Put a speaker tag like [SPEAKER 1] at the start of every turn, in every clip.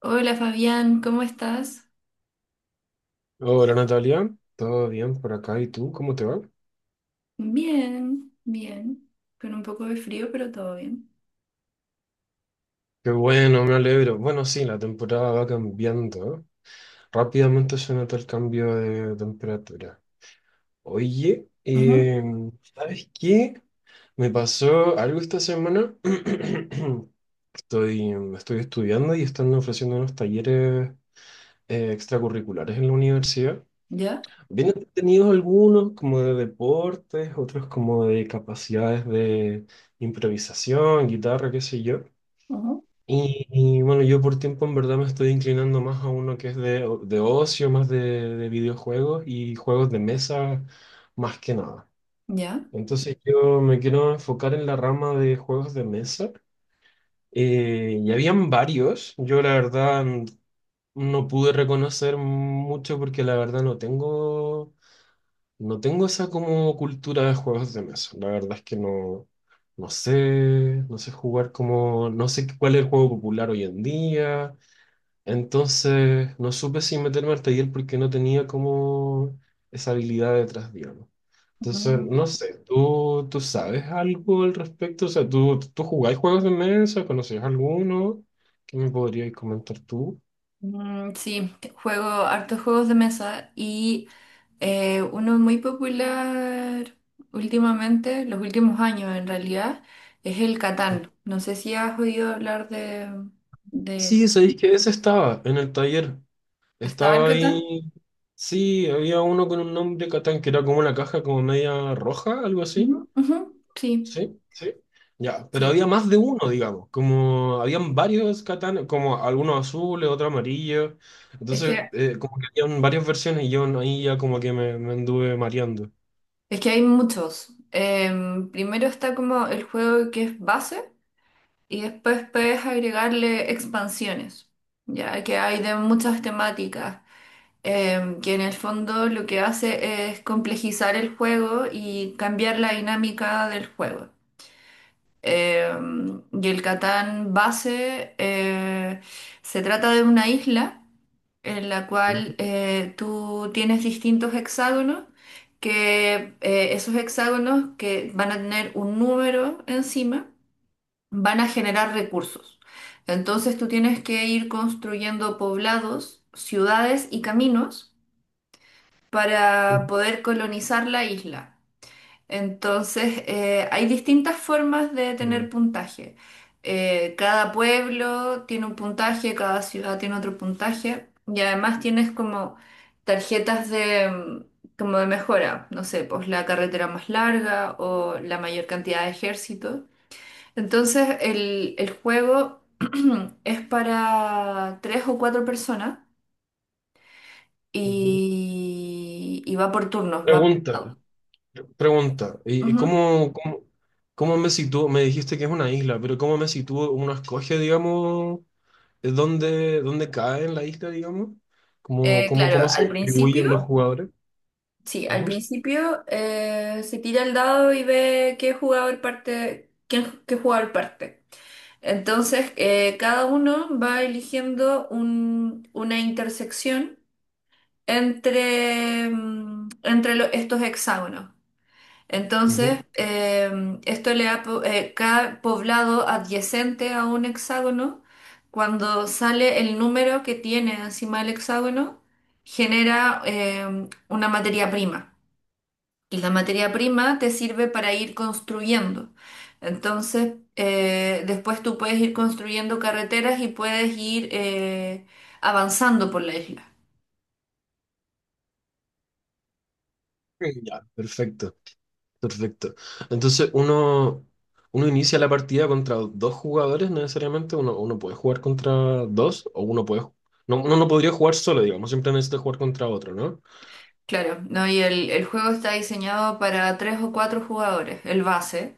[SPEAKER 1] Hola Fabián, ¿cómo estás?
[SPEAKER 2] Hola Natalia, ¿todo bien por acá? ¿Y tú? ¿Cómo te va?
[SPEAKER 1] Bien, bien, con un poco de frío, pero todo bien.
[SPEAKER 2] Qué bueno, me alegro. Bueno, sí, la temporada va cambiando, ¿eh? Rápidamente se nota el cambio de temperatura. Oye,
[SPEAKER 1] Ujú.
[SPEAKER 2] ¿sabes qué? Me pasó algo esta semana. Estoy estudiando y están ofreciendo unos talleres extracurriculares en la universidad.
[SPEAKER 1] ¿Ya?
[SPEAKER 2] Bien entretenidos algunos, como de deportes, otros como de capacidades de improvisación, guitarra, qué sé yo.
[SPEAKER 1] Ujú.
[SPEAKER 2] Bueno, yo por tiempo en verdad me estoy inclinando más a uno que es de ocio, más de videojuegos y juegos de mesa más que nada.
[SPEAKER 1] ¿Ya?
[SPEAKER 2] Entonces yo me quiero enfocar en la rama de juegos de mesa. Y habían varios, yo la verdad no pude reconocer mucho porque la verdad no tengo esa como cultura de juegos de mesa. La verdad es que no sé, no sé jugar como, no sé cuál es el juego popular hoy en día. Entonces, no supe si meterme al taller porque no tenía como esa habilidad detrás, digamos. Entonces,
[SPEAKER 1] Ujú.
[SPEAKER 2] no sé, ¿tú sabes algo al respecto? O sea, ¿tú jugás juegos de mesa? ¿Conoces alguno? ¿Qué me podrías comentar tú?
[SPEAKER 1] Mm, sí, juego hartos juegos de mesa y uno muy popular últimamente, los últimos años en realidad, es el Catán. No sé si has oído hablar de él.
[SPEAKER 2] Sí, sabéis que ese estaba en el taller.
[SPEAKER 1] ¿Estaba el
[SPEAKER 2] Estaba
[SPEAKER 1] Catán?
[SPEAKER 2] ahí. Sí, había uno con un nombre Catán que era como una caja como media roja, algo
[SPEAKER 1] Ujú,
[SPEAKER 2] así.
[SPEAKER 1] ujú. Sí,
[SPEAKER 2] Sí, sí. Ya, pero
[SPEAKER 1] sí.
[SPEAKER 2] había más de uno, digamos, como habían varios Catán, como algunos azules, otros amarillos,
[SPEAKER 1] Es
[SPEAKER 2] entonces
[SPEAKER 1] que
[SPEAKER 2] como que habían varias versiones y yo no, ahí ya como que me anduve mareando.
[SPEAKER 1] Es que hay muchos. Primero está como el juego que es base y después puedes agregarle expansiones, ya que hay de muchas temáticas, que en el fondo lo que hace es complejizar el juego y cambiar la dinámica del juego. Y el Catán base se trata de una isla en la
[SPEAKER 2] Ujú,
[SPEAKER 1] cual tú tienes distintos hexágonos, que esos hexágonos que van a tener un número encima, van a generar recursos. Entonces tú tienes que ir construyendo poblados, ciudades y caminos para poder colonizar la isla. Entonces, hay distintas formas de
[SPEAKER 2] ujú,
[SPEAKER 1] tener puntaje. Cada pueblo tiene un puntaje, cada ciudad tiene otro puntaje y además tienes como tarjetas como de mejora, no sé, pues la carretera más larga o la mayor cantidad de ejércitos. Entonces, el juego es para tres o cuatro personas
[SPEAKER 2] ujú.
[SPEAKER 1] y va por turnos, va
[SPEAKER 2] Pregunta,
[SPEAKER 1] por.
[SPEAKER 2] pregunta, ¿y y
[SPEAKER 1] Ujú.
[SPEAKER 2] cómo, cómo, cómo me sitúo? Me dijiste que es una isla, pero ¿cómo me sitúo? ¿Uno escoge, digamos, dónde, dónde cae en la isla, digamos?
[SPEAKER 1] Eh,
[SPEAKER 2] Cómo
[SPEAKER 1] claro,
[SPEAKER 2] se
[SPEAKER 1] al
[SPEAKER 2] distribuyen los
[SPEAKER 1] principio.
[SPEAKER 2] jugadores?
[SPEAKER 1] Sí, al
[SPEAKER 2] Ujú,
[SPEAKER 1] principio se tira el dado y ve qué jugador parte, quién, qué jugador parte. Entonces, cada uno va eligiendo una intersección entre estos hexágonos. Entonces,
[SPEAKER 2] ujú.
[SPEAKER 1] esto le da, cada poblado adyacente a un hexágono, cuando sale el número que tiene encima del hexágono, genera una materia prima y la materia prima te sirve para ir construyendo. Entonces, después tú puedes ir construyendo carreteras y puedes ir avanzando por la isla.
[SPEAKER 2] Ya, perfecto. Perfecto. Entonces uno, Uno inicia la partida contra dos jugadores necesariamente. Uno puede jugar contra dos o uno puede... No, uno no podría jugar solo, digamos. Siempre necesita jugar contra otro, ¿no?
[SPEAKER 1] Claro, ¿no? Y el juego está diseñado para tres o cuatro jugadores, el base,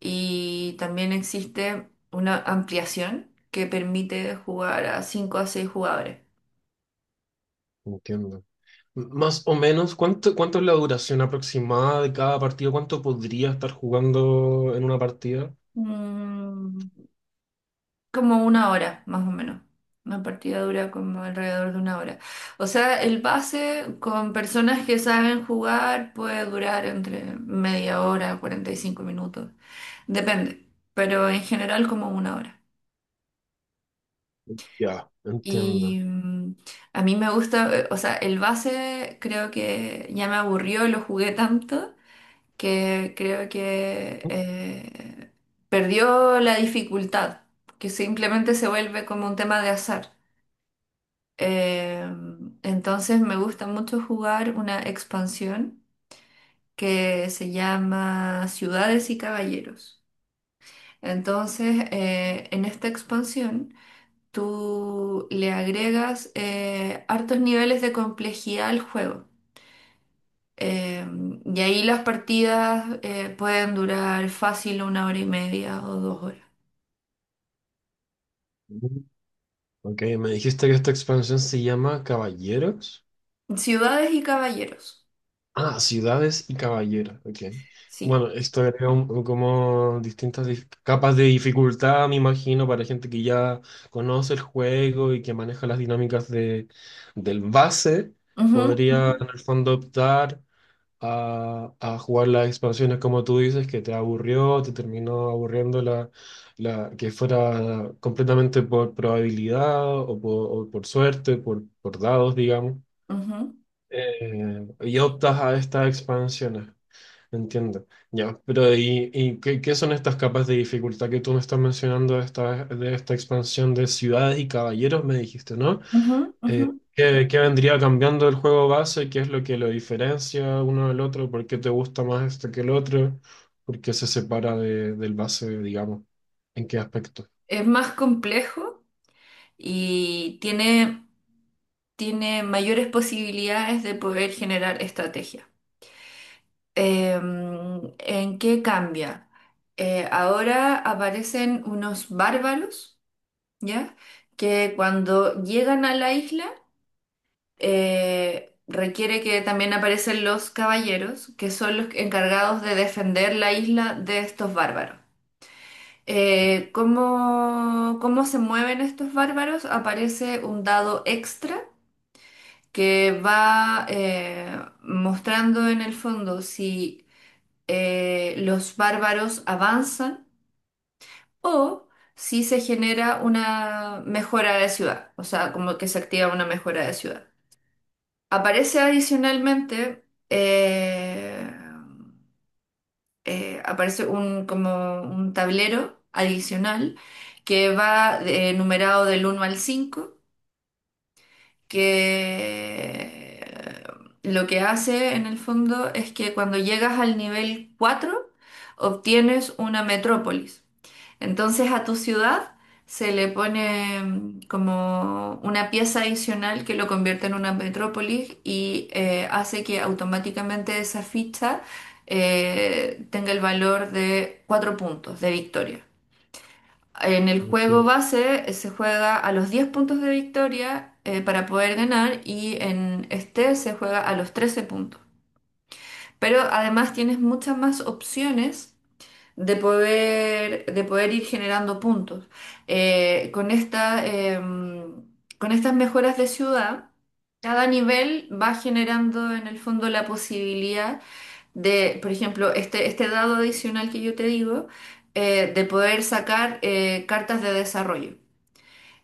[SPEAKER 1] y también existe una ampliación que permite jugar a cinco a seis jugadores.
[SPEAKER 2] Entiendo. Más o menos, cuánto es la duración aproximada de cada partido? ¿Cuánto podría estar jugando en una partida?
[SPEAKER 1] Mm. Como una hora, más o menos. Una partida dura como alrededor de una hora. O sea, el pase con personas que saben jugar puede durar entre media hora, 45 minutos. Depende, pero en general como una hora.
[SPEAKER 2] Ya,
[SPEAKER 1] Y
[SPEAKER 2] entiendo.
[SPEAKER 1] a mí me gusta, o sea, el base creo que ya me aburrió, lo jugué tanto que creo que perdió la dificultad, que simplemente se vuelve como un tema de azar. Eh, entonces me gusta mucho jugar una expansión que se llama Ciudades y Caballeros. Entonces, en esta expansión, tú le agregas hartos niveles de complejidad al juego. Eh, y ahí las partidas pueden durar fácil una hora y media o dos horas.
[SPEAKER 2] Mm. Ok, me dijiste que esta expansión se llama Caballeros.
[SPEAKER 1] Ciudades y caballeros,
[SPEAKER 2] Ah, ciudades y caballeros, ok.
[SPEAKER 1] sí.
[SPEAKER 2] Bueno, esto agrega un como distintas capas de dificultad, me imagino, para gente que ya conoce el juego y que maneja las dinámicas del base,
[SPEAKER 1] Ujú,
[SPEAKER 2] podría
[SPEAKER 1] ujú,
[SPEAKER 2] en el fondo optar a jugar las expansiones como tú dices, que te aburrió, te terminó aburriendo que fuera completamente por probabilidad o por suerte, por dados, digamos
[SPEAKER 1] ujú,
[SPEAKER 2] y optas a estas expansiones. Entiendo. Ya, pero qué, qué son estas capas de dificultad que tú me estás mencionando de de esta expansión de ciudades y caballeros, me dijiste, ¿no?
[SPEAKER 1] ujú, ujú.
[SPEAKER 2] ¿Qué, qué vendría cambiando el juego base? ¿Qué es lo que lo diferencia uno del otro? ¿Por qué te gusta más este que el otro? ¿Por qué se separa del base, digamos? ¿En qué aspecto?
[SPEAKER 1] Es más complejo y tiene mayores posibilidades de poder generar estrategia. ¿En qué cambia? Ahora aparecen unos bárbaros, ¿ya? Que cuando llegan a la isla, requiere que también aparecen los caballeros, que son los encargados de defender la isla de estos bárbaros. ¿Cómo se mueven estos bárbaros? Aparece un dado extra que va mostrando en el fondo si los bárbaros avanzan o si se genera una mejora de ciudad, o sea, como que se activa una mejora de ciudad. Aparece adicionalmente, aparece un, como un tablero adicional que va numerado del uno al cinco, que lo que hace en el fondo es que cuando llegas al nivel 4 obtienes una metrópolis. Entonces a tu ciudad se le pone como una pieza adicional que lo convierte en una metrópolis y hace que automáticamente esa ficha tenga el valor de 4 puntos de victoria. En el juego
[SPEAKER 2] Entiendo.
[SPEAKER 1] base se juega a los 10 puntos de victoria para poder ganar y en este se juega a los 13 puntos. Pero además tienes muchas más opciones de poder ir generando puntos. Eh, con esta, em, con estas mejoras de ciudad, cada nivel va generando en el fondo la posibilidad de, por ejemplo, este dado adicional que yo te digo, de poder sacar cartas de desarrollo.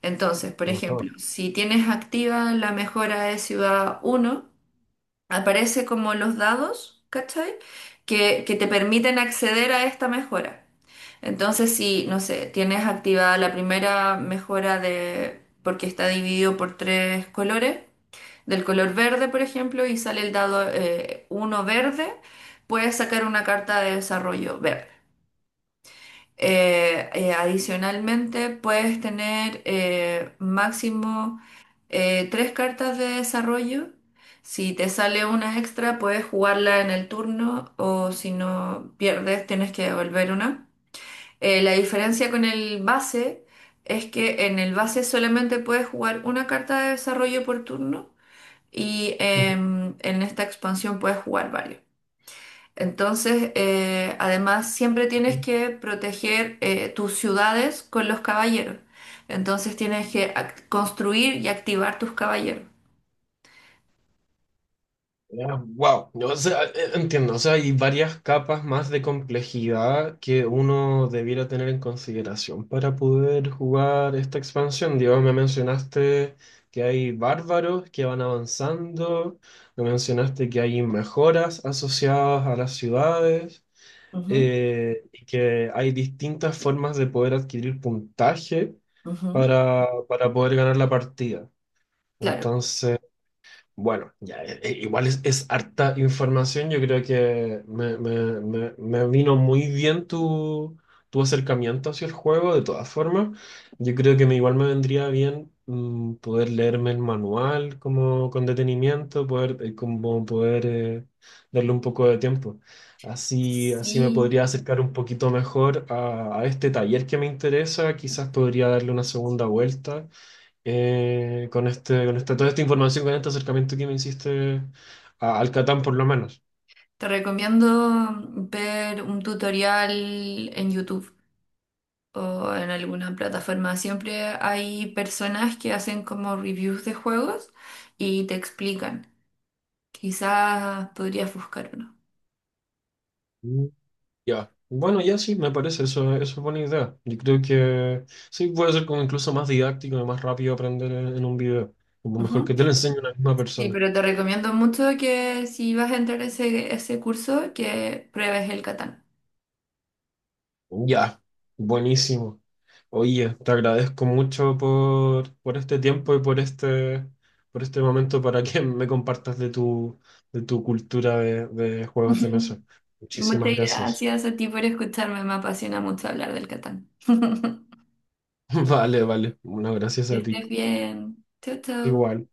[SPEAKER 1] Entonces, por
[SPEAKER 2] Ajá.
[SPEAKER 1] ejemplo, si tienes activa la mejora de ciudad uno, aparece como los dados, ¿cachai? Que te permiten acceder a esta mejora. Entonces, si, no sé, tienes activada la primera mejora de, porque está dividido por tres colores, del color verde, por ejemplo, y sale el dado uno verde, puedes sacar una carta de desarrollo verde. Adicionalmente, puedes tener máximo tres cartas de desarrollo. Si te sale una extra, puedes jugarla en el turno o si no pierdes, tienes que devolver una. La diferencia con el base es que en el base solamente puedes jugar una carta de desarrollo por turno y en esta expansión puedes jugar varios. Entonces, además, siempre tienes que proteger tus ciudades con los caballeros. Entonces, tienes que construir y activar tus caballeros.
[SPEAKER 2] Wow, o sea, entiendo, o sea, hay varias capas más de complejidad que uno debiera tener en consideración para poder jugar esta expansión. Digo, me mencionaste que hay bárbaros que van avanzando, me mencionaste que hay mejoras asociadas a las ciudades, y que hay distintas formas de poder adquirir puntaje
[SPEAKER 1] Ujú, ujú.
[SPEAKER 2] para poder ganar la partida.
[SPEAKER 1] Claro.
[SPEAKER 2] Entonces... Bueno, ya, igual es harta información. Yo creo que me vino muy bien tu, tu acercamiento hacia el juego, de todas formas. Yo creo que me, igual me vendría bien mm, poder leerme el manual como con detenimiento, poder, como poder darle un poco de tiempo. Así, así me
[SPEAKER 1] Sí.
[SPEAKER 2] podría acercar un poquito mejor a este taller que me interesa. Quizás podría darle una segunda vuelta con este, con esta, toda esta información, con este acercamiento que me hiciste al Catán por lo menos.
[SPEAKER 1] Te recomiendo ver un tutorial en YouTube o en alguna plataforma. Siempre hay personas que hacen como reviews de juegos y te explican. Quizás podrías buscar uno.
[SPEAKER 2] Mm. Ya. Bueno, ya sí, me parece, eso es buena idea. Yo creo que sí puede ser como incluso más didáctico y más rápido aprender en un video. Como mejor que te lo enseñe una misma
[SPEAKER 1] Sí,
[SPEAKER 2] persona.
[SPEAKER 1] pero te recomiendo mucho que si vas a entrar a ese curso, que pruebes el Catán.
[SPEAKER 2] Ya, buenísimo. Oye, te agradezco mucho por este tiempo y por este momento para que me compartas de tu cultura de juegos de mesa. Muchísimas
[SPEAKER 1] Muchas
[SPEAKER 2] gracias.
[SPEAKER 1] gracias a ti por escucharme, me apasiona mucho hablar del Catán.
[SPEAKER 2] Vale, vale. Bueno, gracias
[SPEAKER 1] Que
[SPEAKER 2] a ti.
[SPEAKER 1] estés bien. Chau, chau.
[SPEAKER 2] Igual.